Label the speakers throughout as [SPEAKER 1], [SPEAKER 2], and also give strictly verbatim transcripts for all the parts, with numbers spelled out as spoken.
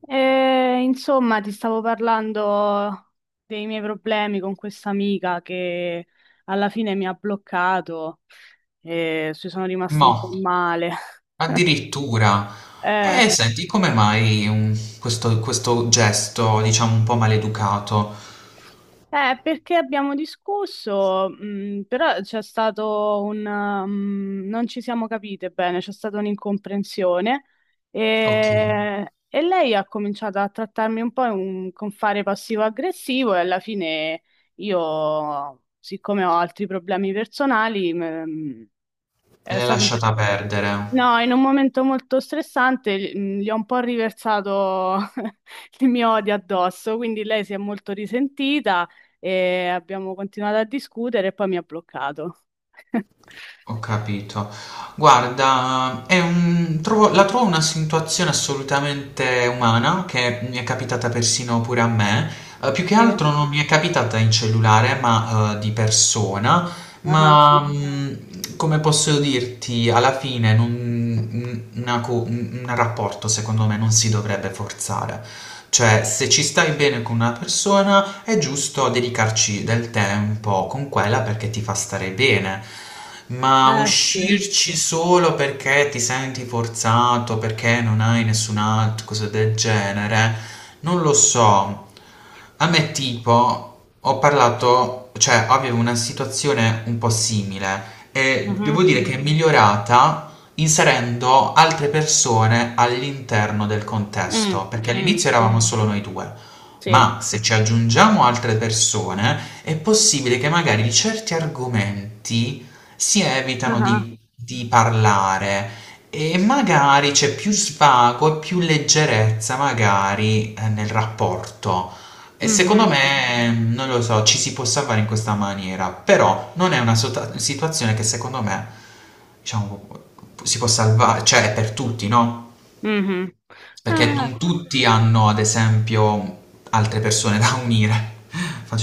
[SPEAKER 1] E, insomma, ti stavo parlando dei miei problemi con questa amica che alla fine mi ha bloccato e ci sono rimasta un po'
[SPEAKER 2] No,
[SPEAKER 1] male.
[SPEAKER 2] addirittura.
[SPEAKER 1] Eh.
[SPEAKER 2] E senti, come mai um, questo, questo gesto, diciamo, un po' maleducato?
[SPEAKER 1] Eh, perché abbiamo discusso, mh, però c'è stato un... um, non ci siamo capite bene, c'è stata un'incomprensione
[SPEAKER 2] Ok,
[SPEAKER 1] e, e lei ha cominciato a trattarmi un po' in- con fare passivo-aggressivo e alla fine io, siccome ho altri problemi personali. Mh, è
[SPEAKER 2] l'hai
[SPEAKER 1] stato un
[SPEAKER 2] lasciata perdere.
[SPEAKER 1] No, in un momento molto stressante gli mh, gli ho un po' riversato il mio odio addosso, quindi lei si è molto risentita e abbiamo continuato a discutere e poi mi ha bloccato.
[SPEAKER 2] Ho capito. Guarda, è un- trovo- la trovo una situazione assolutamente umana che mi è capitata persino pure a me. Eh, più che
[SPEAKER 1] Sì.
[SPEAKER 2] altro non mi è capitata in cellulare, ma eh, di persona.
[SPEAKER 1] Ah.
[SPEAKER 2] Ma mh, come posso dirti, alla fine non- un una co- un- un rapporto secondo me non si dovrebbe forzare. Cioè, se ci stai bene con una persona, è giusto dedicarci del tempo con quella perché ti fa stare bene. Ma
[SPEAKER 1] Eh sì.
[SPEAKER 2] uscirci solo perché ti senti forzato, perché non hai nessun altro, cose del genere, non lo so. A me tipo, ho parlato, cioè avevo una situazione un po' simile e devo
[SPEAKER 1] Mhm.
[SPEAKER 2] dire che è migliorata inserendo altre persone all'interno del
[SPEAKER 1] Mm,
[SPEAKER 2] contesto, perché
[SPEAKER 1] mm,
[SPEAKER 2] all'inizio eravamo solo noi due,
[SPEAKER 1] sì.
[SPEAKER 2] ma se ci aggiungiamo altre persone è possibile che magari certi argomenti si evitano
[SPEAKER 1] Ah.
[SPEAKER 2] di, di parlare e magari c'è più svago e più leggerezza magari eh, nel rapporto. E secondo
[SPEAKER 1] Mhm.
[SPEAKER 2] me, non lo so, ci si può salvare in questa maniera, però non è una sota- situazione che secondo me, diciamo, si può salvare, cioè è per tutti, no?
[SPEAKER 1] Mhm.
[SPEAKER 2] Perché
[SPEAKER 1] Ah.
[SPEAKER 2] non tutti hanno, ad esempio, altre persone da unire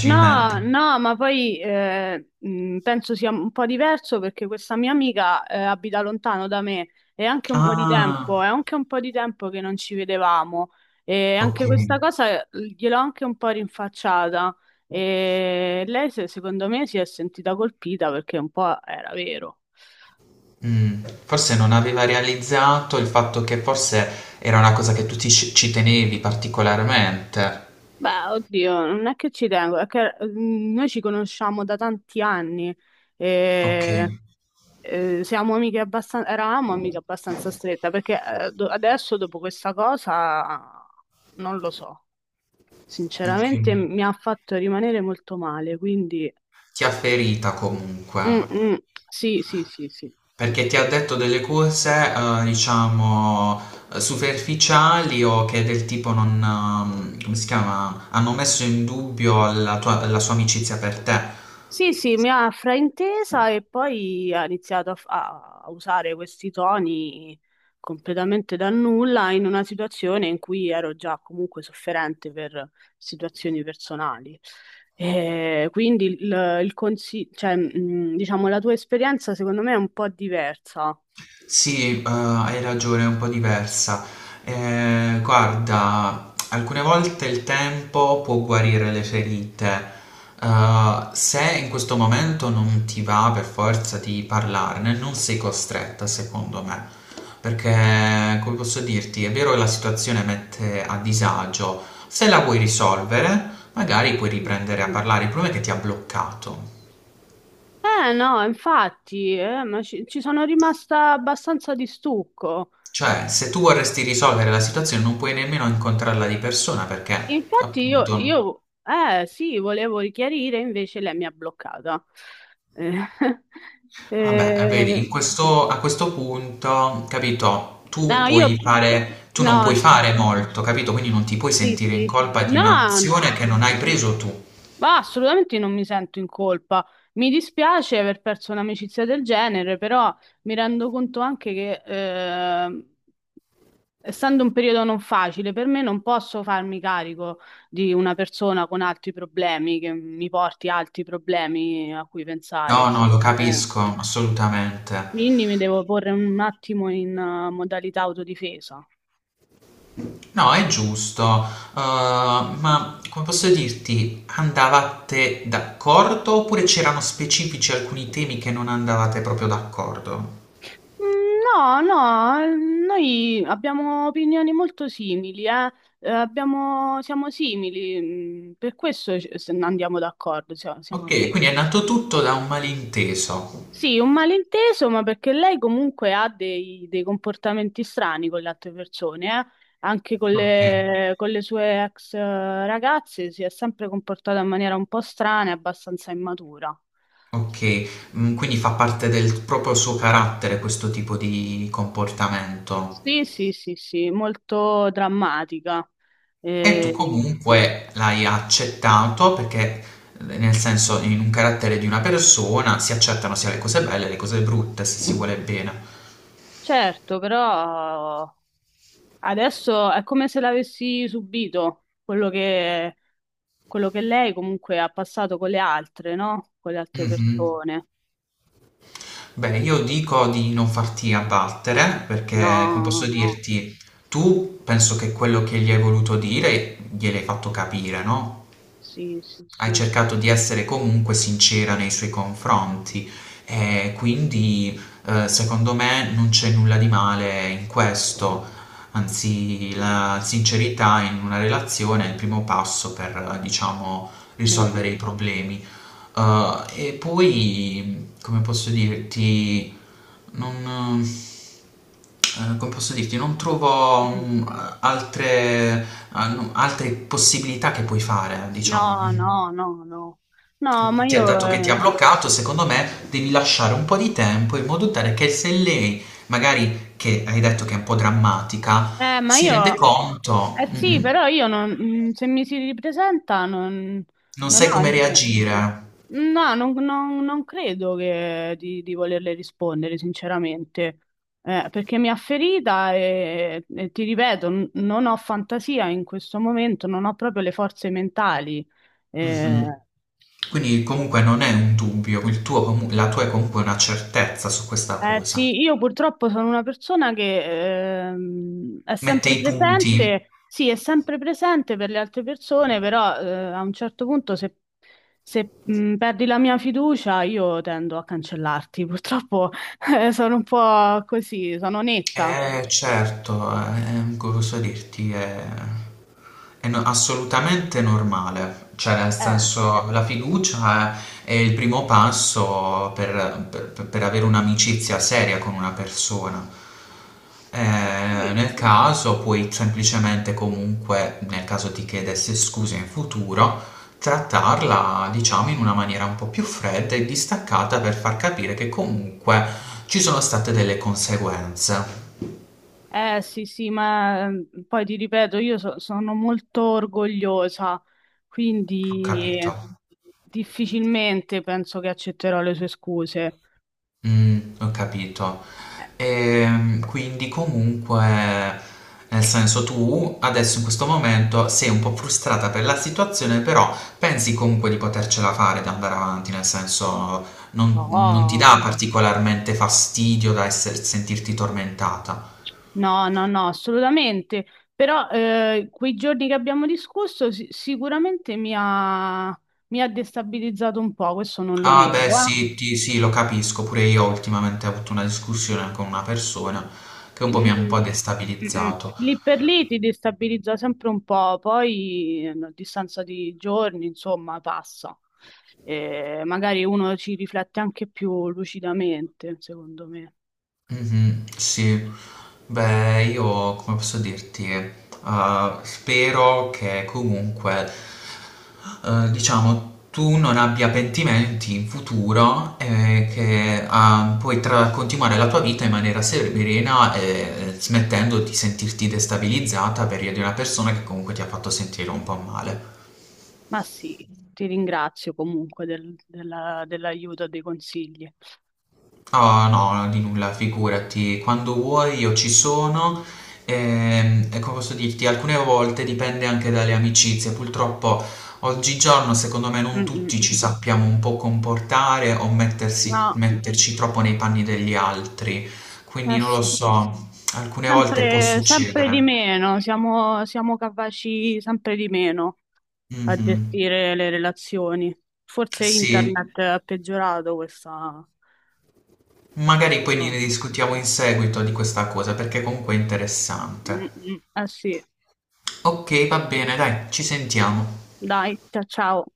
[SPEAKER 1] No, no, ma poi eh, mh, penso sia un po' diverso perché questa mia amica eh, abita lontano da me e anche un po' di tempo,
[SPEAKER 2] Ah,
[SPEAKER 1] è anche un po' di tempo che non ci vedevamo e
[SPEAKER 2] ok.
[SPEAKER 1] anche questa cosa eh, gliel'ho anche un po' rinfacciata e lei se- secondo me si è sentita colpita perché un po' era vero.
[SPEAKER 2] Mm, forse non aveva realizzato il fatto che forse era una cosa che tu ti- ci tenevi particolarmente.
[SPEAKER 1] Beh, oddio, non è che ci tengo, è che mh, noi ci conosciamo da tanti anni.
[SPEAKER 2] Ok,
[SPEAKER 1] E... eh, siamo amiche abbastanza, Eravamo amiche abbastanza strette, perché eh, do- adesso dopo questa cosa non lo so,
[SPEAKER 2] ok.
[SPEAKER 1] sinceramente mi ha fatto rimanere molto male, quindi
[SPEAKER 2] Ti ha ferita comunque.
[SPEAKER 1] mm, mm, sì, sì, sì, sì.
[SPEAKER 2] Perché ti ha detto delle cose, eh, diciamo, eh, superficiali o che del tipo non, ehm, come si chiama, hanno messo in dubbio la tua- la sua amicizia per te.
[SPEAKER 1] Sì, sì, mi ha fraintesa e poi ha iniziato a, f- a- a usare questi toni completamente da nulla in una situazione in cui ero già comunque sofferente per situazioni personali. E quindi il, il consi- cioè, mh, diciamo, la tua esperienza secondo me è un po' diversa.
[SPEAKER 2] Sì, eh, hai ragione, è un po' diversa. Eh, guarda, alcune volte il tempo può guarire le ferite. Eh, se in questo momento non ti va per forza di parlarne, non sei costretta, secondo me. Perché, come posso dirti, è vero che la situazione mette a disagio. Se la vuoi risolvere, magari puoi riprendere a parlare. Il problema è che ti ha bloccato.
[SPEAKER 1] Eh no, infatti, eh, ma ci, ci sono rimasta abbastanza di stucco.
[SPEAKER 2] Cioè, se tu vorresti risolvere la situazione non puoi nemmeno incontrarla di persona perché,
[SPEAKER 1] Infatti io,
[SPEAKER 2] appunto,
[SPEAKER 1] io eh, sì, volevo richiarire, invece lei mi ha bloccata. Eh,
[SPEAKER 2] vabbè, vedi, in
[SPEAKER 1] eh,
[SPEAKER 2] questo- a questo punto, capito, tu
[SPEAKER 1] no, io,
[SPEAKER 2] puoi fare, tu non
[SPEAKER 1] no,
[SPEAKER 2] puoi
[SPEAKER 1] sì,
[SPEAKER 2] fare molto, capito? Quindi non ti puoi
[SPEAKER 1] sì,
[SPEAKER 2] sentire in
[SPEAKER 1] sì.
[SPEAKER 2] colpa di
[SPEAKER 1] No,
[SPEAKER 2] un'azione che non hai preso tu.
[SPEAKER 1] ma assolutamente non mi sento in colpa. Mi dispiace aver perso un'amicizia del genere, però mi rendo conto anche che, eh, essendo un periodo non facile per me, non posso farmi carico di una persona con altri problemi, che mi porti altri problemi a cui
[SPEAKER 2] No,
[SPEAKER 1] pensare.
[SPEAKER 2] no, lo
[SPEAKER 1] Eh,
[SPEAKER 2] capisco, assolutamente.
[SPEAKER 1] quindi mi devo porre un attimo in eh, modalità autodifesa.
[SPEAKER 2] No, è giusto, eh,
[SPEAKER 1] Mm.
[SPEAKER 2] ma come posso dirti, andavate d'accordo oppure c'erano specifici alcuni temi che non andavate proprio d'accordo?
[SPEAKER 1] No, no, noi abbiamo opinioni molto simili, eh. Eh, abbiamo- siamo simili, mm, per questo ci- se- andiamo d'accordo, siamo, siamo
[SPEAKER 2] Okay,
[SPEAKER 1] amici.
[SPEAKER 2] quindi è nato tutto
[SPEAKER 1] Insomma.
[SPEAKER 2] da un malinteso.
[SPEAKER 1] Sì, un malinteso, ma perché lei comunque ha dei, dei comportamenti strani con le altre persone, eh. Anche con
[SPEAKER 2] Okay,
[SPEAKER 1] le, con le sue ex eh, ragazze si è sempre comportata in maniera un po' strana e abbastanza immatura.
[SPEAKER 2] okay. Mhmm, quindi fa parte del proprio suo carattere questo tipo di comportamento.
[SPEAKER 1] Sì, sì, sì, sì, molto drammatica.
[SPEAKER 2] E tu
[SPEAKER 1] Eh,
[SPEAKER 2] comunque l'hai accettato perché, ehm, nel senso in un carattere di una persona si accettano sia le cose belle, che le cose brutte, se si vuole bene.
[SPEAKER 1] certo, però adesso è come se l'avessi subito quello che, quello che lei comunque ha passato con le altre, no? Con le altre
[SPEAKER 2] Mh-mh.
[SPEAKER 1] persone.
[SPEAKER 2] Beh, io dico di non farti abbattere
[SPEAKER 1] No,
[SPEAKER 2] perché, come posso
[SPEAKER 1] no. No.
[SPEAKER 2] dirti, tu penso che quello che gli hai voluto dire gliel'hai fatto capire, no?
[SPEAKER 1] Sì, sì,
[SPEAKER 2] Hai
[SPEAKER 1] sì.
[SPEAKER 2] cercato di essere comunque sincera nei suoi confronti e quindi, ehm, secondo me non c'è nulla di male in questo. Anzi, la sincerità in una relazione è il primo passo per, diciamo,
[SPEAKER 1] Mm,
[SPEAKER 2] risolvere
[SPEAKER 1] mm,
[SPEAKER 2] i problemi. Uhm, e poi, come posso dirti, non ehm, come posso dirti, non trovo,
[SPEAKER 1] mm.
[SPEAKER 2] mhmm, altre a no altre possibilità che puoi fare, diciamo
[SPEAKER 1] No, no, no, no. No, ma
[SPEAKER 2] ti ha
[SPEAKER 1] io...
[SPEAKER 2] dato che ti ha
[SPEAKER 1] Eh,
[SPEAKER 2] bloccato, secondo me devi lasciare un po' di tempo in modo tale che se lei, magari che hai detto che è un po' drammatica,
[SPEAKER 1] eh, ma
[SPEAKER 2] si rende
[SPEAKER 1] io...
[SPEAKER 2] conto,
[SPEAKER 1] Eh sì,
[SPEAKER 2] mhm,
[SPEAKER 1] però io non, mm, se mi si ripresenta non,
[SPEAKER 2] non
[SPEAKER 1] non
[SPEAKER 2] sai
[SPEAKER 1] ho...
[SPEAKER 2] come
[SPEAKER 1] inte-
[SPEAKER 2] reagire.
[SPEAKER 1] No, non, non- non credo che di, di volerle rispondere, sinceramente. Eh, perché mi ha ferita e, e ti ripeto, n- non ho fantasia in questo momento, non ho proprio le forze mentali.
[SPEAKER 2] Mhm.
[SPEAKER 1] Eh,
[SPEAKER 2] Quindi comunque non è un dubbio, il tuo comu- la tua è comunque una certezza su questa
[SPEAKER 1] Eh,
[SPEAKER 2] cosa.
[SPEAKER 1] sì, io purtroppo sono una persona che ehm, è
[SPEAKER 2] Mette
[SPEAKER 1] sempre
[SPEAKER 2] i punti.
[SPEAKER 1] presente, sì, è sempre presente per le altre persone, però eh, a un certo punto se, se, mh, perdi la mia fiducia io tendo a cancellarti, purtroppo eh, sono un po' così, sono netta.
[SPEAKER 2] Eh, certo, eh, come posso dirti, è, è no- assolutamente normale, cioè nel
[SPEAKER 1] Eh,
[SPEAKER 2] senso la fiducia è, è il primo passo per, per- per avere un'amicizia seria con una persona.
[SPEAKER 1] eh
[SPEAKER 2] Eh,
[SPEAKER 1] sì.
[SPEAKER 2] nel caso puoi semplicemente comunque, nel caso ti chiedesse scusa in futuro, trattarla diciamo in una maniera un po' più fredda e distaccata per far capire che comunque ci sono state delle conseguenze.
[SPEAKER 1] Eh, sì, sì, ma ehm, poi ti ripeto, io so- sono molto orgogliosa,
[SPEAKER 2] Ho
[SPEAKER 1] quindi
[SPEAKER 2] capito,
[SPEAKER 1] difficilmente penso che accetterò le sue scuse.
[SPEAKER 2] mm, ho capito.
[SPEAKER 1] Eh,
[SPEAKER 2] Ehm, quindi comunque, nel senso tu adesso in questo momento sei un po' frustrata per la situazione, però pensi comunque di potercela fare, di andare avanti, nel senso non, non ti
[SPEAKER 1] No,
[SPEAKER 2] dà particolarmente fastidio da esser- sentirti tormentata.
[SPEAKER 1] no, no, no, assolutamente. Però eh, quei giorni che abbiamo discusso si- sicuramente mi ha, mi ha destabilizzato un po', questo non lo
[SPEAKER 2] Ah beh
[SPEAKER 1] nego. Eh.
[SPEAKER 2] sì, ti- sì, lo capisco, pure io ultimamente ho avuto una discussione con una persona che un po' mi ha un
[SPEAKER 1] Mm,
[SPEAKER 2] po'
[SPEAKER 1] mm, mm.
[SPEAKER 2] destabilizzato.
[SPEAKER 1] Lì per lì ti destabilizza sempre un po', poi eh, a distanza di giorni, insomma, passa. Eh, magari uno ci riflette anche più lucidamente, secondo me.
[SPEAKER 2] Mhm, sì, beh, io come posso dirti, eh, spero che comunque, eh, diciamo, tu non abbia pentimenti in futuro e che ah, puoi tra- continuare la tua vita in maniera serena e eh, smettendo di sentirti destabilizzata per via di una persona che comunque ti ha fatto sentire un po' male.
[SPEAKER 1] Ma sì, ti ringrazio comunque del- della- dell'aiuto e dei consigli.
[SPEAKER 2] Ah, no, di nulla, figurati. Quando vuoi io ci sono. Ehm, E, come posso dirti, alcune volte dipende anche dalle amicizie. Purtroppo oggigiorno, secondo me, non
[SPEAKER 1] Mm, mm.
[SPEAKER 2] tutti ci sappiamo un po' comportare o mettersi-
[SPEAKER 1] No,
[SPEAKER 2] metterci troppo nei panni degli altri.
[SPEAKER 1] eh
[SPEAKER 2] Quindi non lo
[SPEAKER 1] sì.
[SPEAKER 2] so, alcune volte può
[SPEAKER 1] Sempre, sempre di
[SPEAKER 2] succedere.
[SPEAKER 1] meno, siamo, siamo capaci sempre di meno a
[SPEAKER 2] Mhm.
[SPEAKER 1] gestire le relazioni. Forse
[SPEAKER 2] Sì,
[SPEAKER 1] internet ha peggiorato questa,
[SPEAKER 2] magari
[SPEAKER 1] questa
[SPEAKER 2] poi ne
[SPEAKER 1] cosa.
[SPEAKER 2] discutiamo in seguito di questa cosa perché comunque è interessante.
[SPEAKER 1] Mm, mm. Eh sì,
[SPEAKER 2] Ok, va bene, dai, ci sentiamo.
[SPEAKER 1] dai, ciao ciao.